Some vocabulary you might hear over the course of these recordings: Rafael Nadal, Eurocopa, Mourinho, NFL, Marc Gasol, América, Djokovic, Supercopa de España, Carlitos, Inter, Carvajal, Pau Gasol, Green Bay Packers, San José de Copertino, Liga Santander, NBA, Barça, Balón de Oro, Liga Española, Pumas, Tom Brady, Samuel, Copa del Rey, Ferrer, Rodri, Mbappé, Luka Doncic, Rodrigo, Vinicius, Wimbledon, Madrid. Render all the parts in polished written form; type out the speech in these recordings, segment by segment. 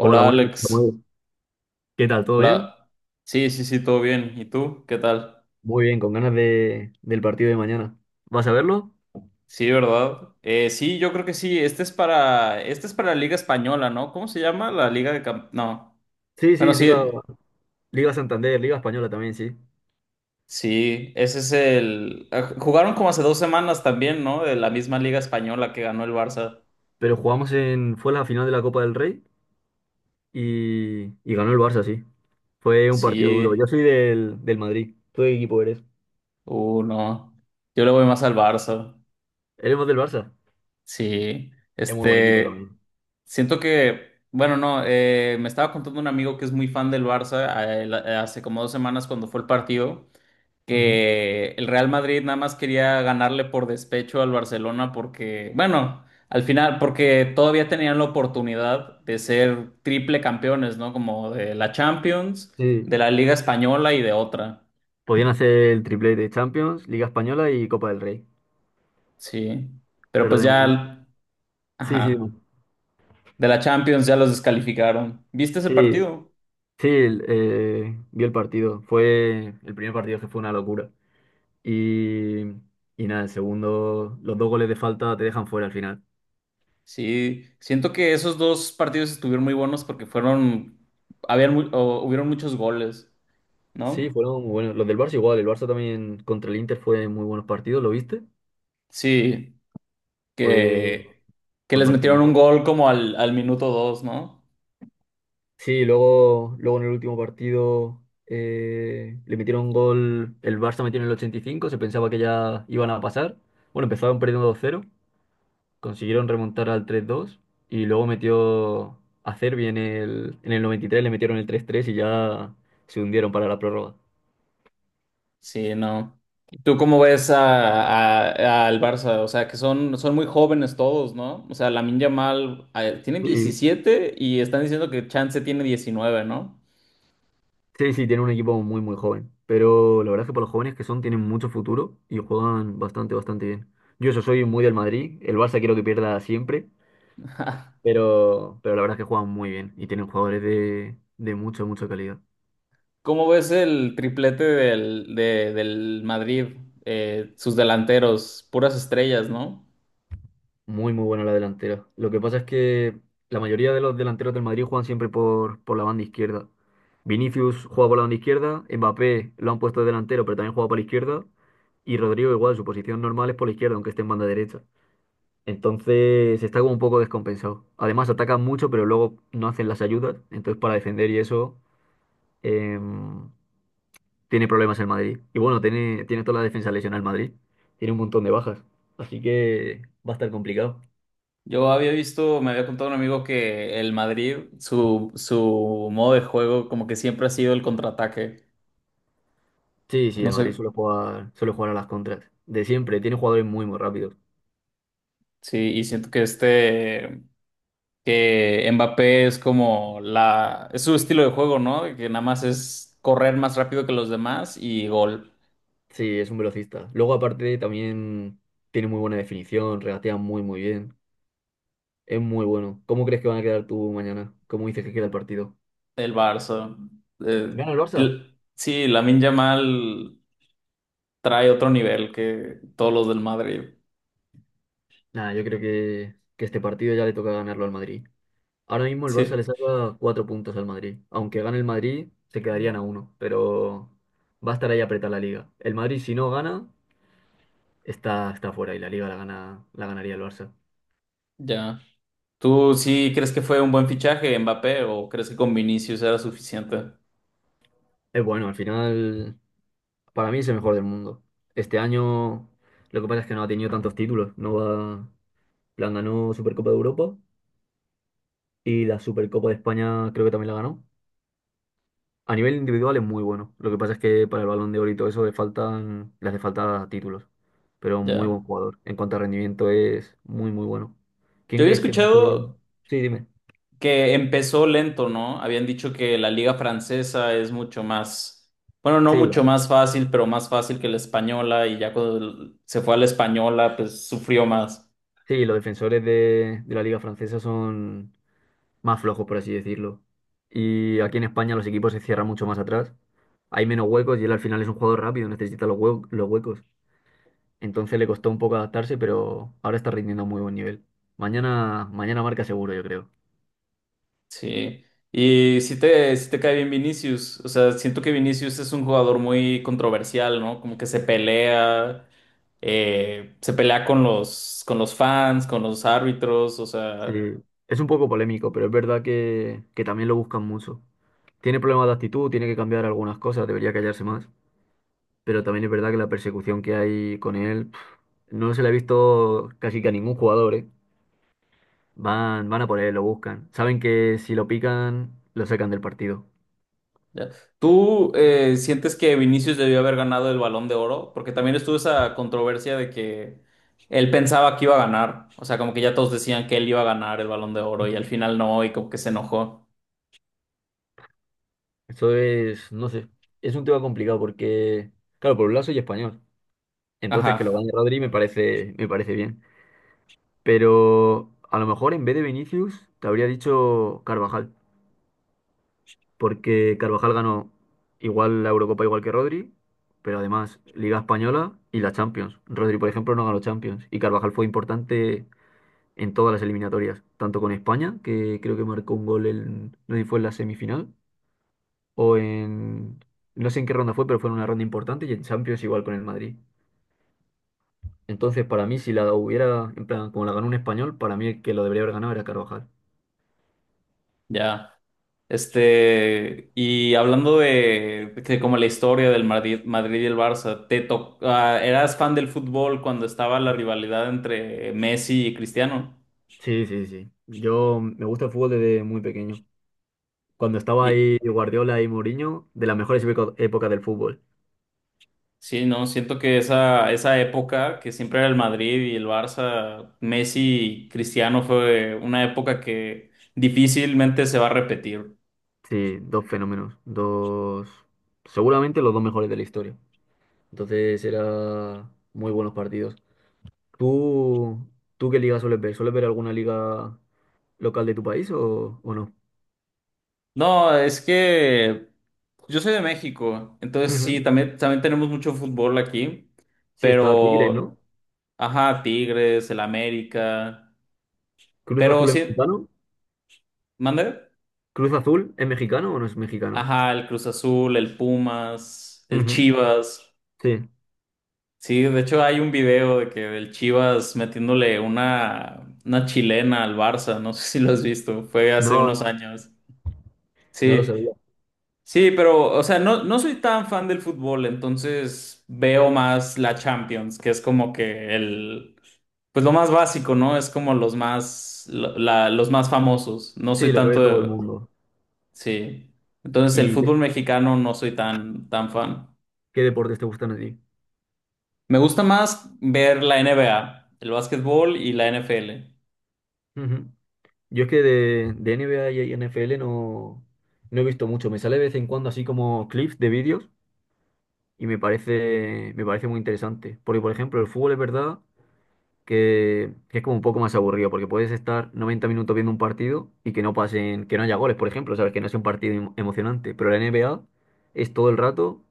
Hola, buenas noches, Alex, Samuel. ¿Qué tal? ¿Todo bien? hola. Sí, sí, sí, todo bien. ¿Y tú? ¿Qué tal? Muy bien, con ganas del partido de mañana. ¿Vas a verlo? Sí, ¿verdad? Sí, yo creo que sí. Este es para la Liga Española, ¿no? ¿Cómo se llama? La Liga de Camp... No. Sí, Bueno, sí, Liga, sí, Liga Santander, Liga Española también, sí. sí, ese es el... jugaron como hace 2 semanas también, ¿no? De la misma Liga Española que ganó el Barça. Pero jugamos fue la final de la Copa del Rey y ganó el Barça, sí. Fue un partido duro. Yo Sí, soy del Madrid. ¿Tú de qué equipo eres? No. Yo le voy más al Barça. ¿Eres del Barça? Sí, Es muy buen equipo este... también. Siento que, bueno, no, me estaba contando un amigo que es muy fan del Barça hace como 2 semanas cuando fue el partido, Ujú. que el Real Madrid nada más quería ganarle por despecho al Barcelona porque, bueno, al final, porque todavía tenían la oportunidad de ser triple campeones, ¿no? Como de la Champions, Sí. de la Liga Española y de otra, Podían hacer el triplete de Champions, Liga Española y Copa del Rey. sí. Pero Pero pues de momento. ya, Sí, sí. ajá, No. de la Champions ya los descalificaron. ¿Viste ese Sí, partido? Sí, vi el partido. Fue el primer partido que fue una locura. Y, y nada, el segundo, los dos goles de falta te dejan fuera al final. Sí, siento que esos dos partidos estuvieron muy buenos porque fueron, o hubieron muchos goles, Sí, ¿no? fueron muy buenos. Los del Barça igual. El Barça también contra el Inter fue muy buenos partidos, ¿lo viste? Sí, Fue, que, que fue les metieron un partidazo. gol como al minuto 2, ¿no? Sí, luego en el último partido le metieron un gol. El Barça metió en el 85. Se pensaba que ya iban a pasar. Bueno, empezaron perdiendo 2-0. Consiguieron remontar al 3-2 y luego metió a Cervi en el 93, le metieron el 3-3 y ya se hundieron para la prórroga. Sí, no. ¿Tú cómo ves al Barça? O sea, que son muy jóvenes todos, ¿no? O sea, Lamine Yamal, tiene Sí, 17 y están diciendo que Chance tiene 19, ¿no? sí, sí, tiene un equipo muy, muy joven. Pero la verdad es que para los jóvenes que son, tienen mucho futuro y juegan bastante, bastante bien. Yo eso soy muy del Madrid, el Barça quiero que pierda siempre, pero la verdad es que juegan muy bien y tienen jugadores de mucha, mucha calidad. ¿Cómo ves el triplete del Madrid? Sus delanteros, puras estrellas, ¿no? Muy, muy buena la delantera. Lo que pasa es que la mayoría de los delanteros del Madrid juegan siempre por la banda izquierda. Vinicius juega por la banda izquierda, Mbappé lo han puesto de delantero, pero también juega por la izquierda, y Rodrigo igual, su posición normal es por la izquierda, aunque esté en banda derecha. Entonces está como un poco descompensado. Además atacan mucho, pero luego no hacen las ayudas, entonces para defender y eso em, tiene problemas el Madrid. Y bueno, tiene toda la defensa lesionada el Madrid, tiene un montón de bajas, así que va a estar complicado. Yo había visto, me había contado un amigo que el Madrid, su modo de juego, como que siempre ha sido el contraataque. Sí, sí, No el sé, Madrid suele jugar a las contras. De siempre, tiene jugadores muy, muy rápidos. sí, y siento que este, que Mbappé es su estilo de juego, ¿no? Que nada más es correr más rápido que los demás y gol. Sí, es un velocista. Luego, aparte, también tiene muy buena definición, regatea muy, muy bien. Es muy bueno. ¿Cómo crees que van a quedar tú mañana? ¿Cómo dices que queda el partido? El Barça. Eh, ¿Gana el Barça? Sí, Lamine Yamal trae otro nivel que todos los del Madrid. Nada, yo creo que este partido ya le toca ganarlo al Madrid. Ahora mismo el Barça le Sí, saca 4 puntos al Madrid. Aunque gane el Madrid, se quedarían a uno. Pero va a estar ahí apretada la liga. El Madrid, si no gana, está fuera y la liga la ganaría el Barça. ya. ¿Tú sí crees que fue un buen fichaje Mbappé o crees que con Vinicius era suficiente? Es bueno, al final para mí es el mejor del mundo. Este año lo que pasa es que no ha tenido tantos títulos. No va, plan, ganó Supercopa de Europa y la Supercopa de España creo que también la ganó. A nivel individual es muy bueno. Lo que pasa es que para el Balón de Oro y todo eso le hace falta títulos. Pero muy Ya. buen jugador. En cuanto a rendimiento es muy, muy bueno. ¿Quién Yo había crees que hace? escuchado Sí, dime. que empezó lento, ¿no? Habían dicho que la liga francesa es mucho más, bueno, no Sí, mucho más fácil, pero más fácil que la española y ya cuando se fue a la española, pues sufrió más. sí, los defensores de la Liga Francesa son, más flojo, por así decirlo. Y aquí en España los equipos se cierran mucho más atrás. Hay menos huecos y él al final es un jugador rápido, necesita los huecos. Entonces le costó un poco adaptarse, pero ahora está rindiendo a muy buen nivel. Mañana, mañana marca seguro, yo creo. Sí, y si te, sí te cae bien Vinicius, o sea, siento que Vinicius es un jugador muy controversial, ¿no? Como que se pelea con los fans, con los árbitros, o Sí. sea, Es un poco polémico, pero es verdad que también lo buscan mucho. Tiene problemas de actitud, tiene que cambiar algunas cosas, debería callarse más. Pero también es verdad que la persecución que hay con él, pf, no se la he visto casi que a ningún jugador, ¿eh? Van a por él, lo buscan. Saben que si lo pican, lo sacan del partido. ya. ¿Tú sientes que Vinicius debió haber ganado el Balón de Oro? Porque también estuvo esa controversia de que él pensaba que iba a ganar, o sea, como que ya todos decían que él iba a ganar el Balón de Oro y al Ujú. final no, y como que se enojó. Eso es, no sé, es un tema complicado porque, claro, por un lado soy español, entonces que lo Ajá, gane Rodri me parece bien. Pero a lo mejor en vez de Vinicius te habría dicho Carvajal, porque Carvajal ganó igual la Eurocopa igual que Rodri, pero además Liga Española y la Champions. Rodri, por ejemplo, no ganó Champions y Carvajal fue importante en todas las eliminatorias, tanto con España, que creo que marcó un gol en, no sé si fue en la semifinal, o en, no sé en qué ronda fue, pero fue en una ronda importante, y en Champions igual con el Madrid. Entonces, para mí, si la hubiera, en plan, como la ganó un español, para mí el que lo debería haber ganado era Carvajal. ya. Este, y hablando de como la historia del Madrid, Madrid y el Barça, eras fan del fútbol cuando estaba la rivalidad entre Messi y Cristiano? Sí, sí, sí. Yo me gusta el fútbol desde muy pequeño. Cuando estaba Y ahí Guardiola y Mourinho, de las mejores épocas del fútbol. sí, no, siento que esa época que siempre era el Madrid y el Barça, Messi y Cristiano fue una época que difícilmente se va a repetir. Sí, dos fenómenos, dos, seguramente los dos mejores de la historia. Entonces, eran muy buenos partidos. ¿Tú, tú qué liga sueles ver? ¿Sueles ver alguna liga local de tu país o no? No, es que yo soy de México, entonces sí, Ujú. también, también tenemos mucho fútbol aquí, Sí, está Tigres, pero, ¿no? ajá, Tigres, el América, Cruz pero Azul es sí, mexicano. ¿mande? ¿Cruz Azul es mexicano o no es mexicano? Ajá, el Cruz Azul, el Pumas, el Ujú. Chivas. Sí. Sí, de hecho hay un video de que del Chivas metiéndole una chilena al Barça, no sé si lo has visto, fue hace No, unos no, años. no lo Sí, sabía. sí, pero, o sea, no, no soy tan fan del fútbol, entonces veo más la Champions, que es como que el, pues lo más básico, ¿no? Es como los más, los más famosos. No soy Sí, lo que tanto ve todo el de, mundo. sí. Entonces el ¿Y fútbol qué, mexicano no soy tan, tan fan. qué deportes te gustan a ti? Me gusta más ver la NBA, el básquetbol y la NFL. Ujú. Yo es que de NBA y NFL no, no he visto mucho. Me sale de vez en cuando así como clips de vídeos y me parece muy interesante. Porque, por ejemplo, el fútbol es verdad que es como un poco más aburrido, porque puedes estar 90 minutos viendo un partido y que no pasen, que no haya goles, por ejemplo, ¿sabes? Que no sea un partido emocionante. Pero la NBA es todo el rato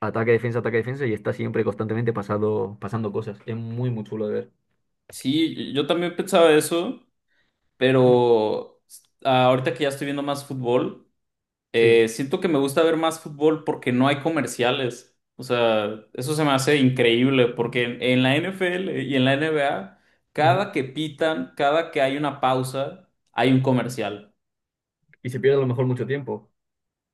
ataque, defensa y está siempre constantemente pasando cosas. Es muy, muy chulo de ver. Sí, yo también pensaba eso, Mm, pero ahorita que ya estoy viendo más fútbol. sí. Siento que me gusta ver más fútbol porque no hay comerciales. O sea, eso se me hace increíble porque en la NFL y en la NBA, Ujú. cada que pitan, cada que hay una pausa, hay un comercial. Y se pierde a lo mejor mucho tiempo.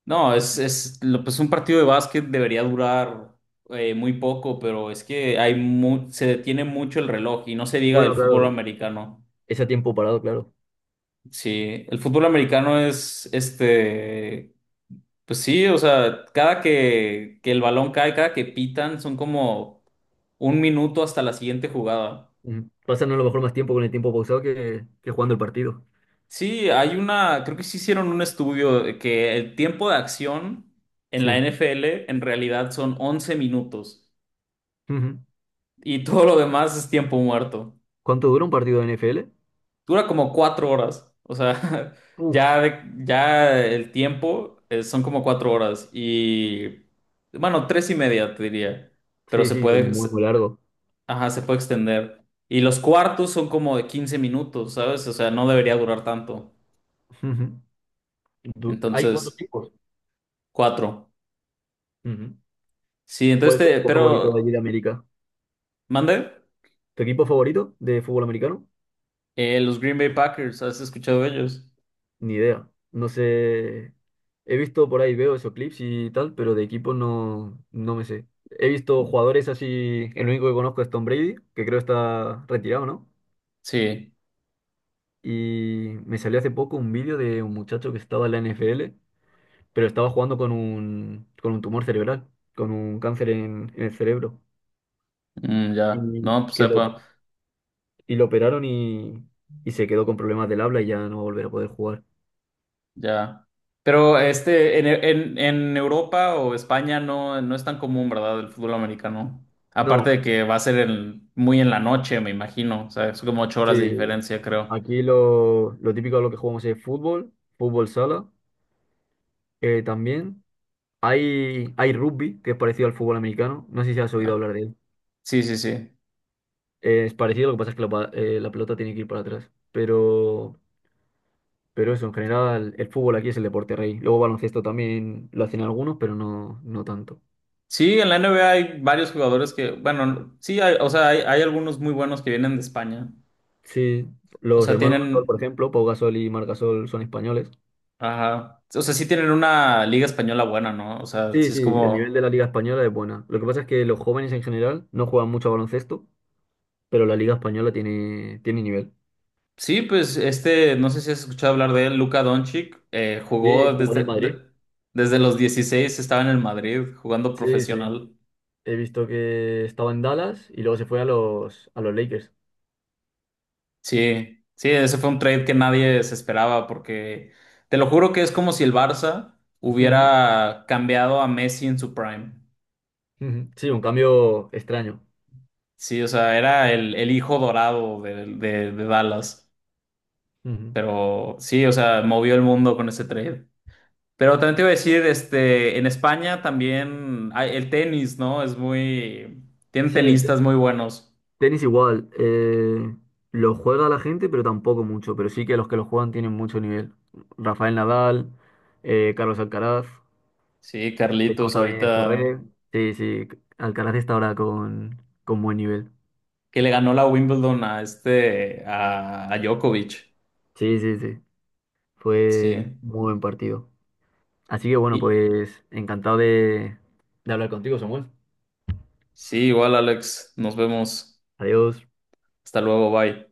No, pues un partido de básquet debería durar muy poco, pero es que se detiene mucho el reloj y no se diga del Bueno, fútbol claro, americano. ese tiempo parado, claro. Sí, el fútbol americano es este. Pues sí, o sea, cada que el balón cae, cada que pitan, son como un minuto hasta la siguiente jugada. Ujú. Pasan a lo mejor más tiempo con el tiempo pausado que jugando el partido. Sí, hay una, creo que sí hicieron un estudio de que el tiempo de acción en la Sí. NFL en realidad son 11 minutos Ujú. y todo lo demás es tiempo muerto. ¿Cuánto dura un partido de NFL? Dura como 4 horas, o sea, Uf. ya, ya el tiempo son como 4 horas y, bueno, tres y media te diría, pero Sí, se sí, es puede... muy, muy largo. Ajá, se puede extender. Y los cuartos son como de 15 minutos, ¿sabes? O sea, no debería durar tanto. Ujú. Hay cuatro Entonces, equipos. cuatro. Ujú. Sí, entonces ¿Cuál es tu equipo favorito de pero, allí de América? ¿mande? ¿Tu equipo favorito de fútbol americano? Los Green Bay Packers, ¿has escuchado de ellos? Ni idea. No sé. He visto por ahí, veo esos clips y tal, pero de equipo no, no me sé. He visto jugadores así. El único que conozco es Tom Brady, que creo está retirado, ¿no? Sí, Y me salió hace poco un vídeo de un muchacho que estaba en la NFL, pero estaba jugando con un, tumor cerebral, con un cáncer en el cerebro mm, ya. y No, pues que lo, sepa, y lo operaron y se quedó con problemas del habla y ya no va a volver a poder jugar. ya. Pero este, en Europa o España no, no es tan común, ¿verdad? El fútbol americano. Aparte No, de que va a ser muy en la noche, me imagino. O sea, es como 8 horas de sí, diferencia, creo. aquí lo típico de lo que jugamos es fútbol, fútbol sala, también. Hay rugby, que es parecido al fútbol americano. No sé si has oído Ah, hablar de él. sí, sí, sí. Es parecido, lo que pasa es que la pelota tiene que ir para atrás. Pero eso, en general, el fútbol aquí es el deporte rey. Luego baloncesto también lo hacen algunos, pero no, no tanto. Sí, en la NBA hay varios jugadores que, bueno, sí, hay, o sea, hay algunos muy buenos que vienen de España. Sí, O los sea, hermanos Gasol, por tienen, ejemplo, Pau Gasol y Marc Gasol son españoles. ajá, o sea, sí tienen una liga española buena, ¿no? O sea, Sí, sí sí, es el nivel como, de la Liga Española es buena. Lo que pasa es que los jóvenes en general no juegan mucho a baloncesto, pero la Liga Española tiene nivel. sí, pues este, no sé si has escuchado hablar de él, Luka Doncic, Sí, jugó jugó en el Madrid. Desde los 16 estaba en el Madrid jugando Sí, sí. profesional. He visto que estaba en Dallas y luego se fue a los Lakers. Sí, sí, ese fue un trade que nadie se esperaba porque, te lo juro que es como si el Barça Ujú, hubiera cambiado a Messi en su prime. ujú. Sí, un cambio extraño. Sí, o sea, era el hijo dorado de Dallas. Ujú. Pero sí, o sea, movió el mundo con ese trade. Pero también te iba a decir, este, en España también el tenis, ¿no? Es muy... Tienen Sí, el tenistas muy buenos. tenis igual. Lo juega la gente, pero tampoco mucho. Pero sí que los que lo juegan tienen mucho nivel. Rafael Nadal, Carlos Alcaraz. Sí, Tenemos Carlitos, también ahorita Ferrer. Sí, sí. Alcaraz está ahora con buen nivel. que le ganó la Wimbledon a este, a Djokovic. Sí, sí, sí. Fue Sí. muy buen partido. Así que bueno, Y pues encantado de hablar contigo, Samuel. sí, igual, Alex, nos vemos. Adiós. Hasta luego, bye.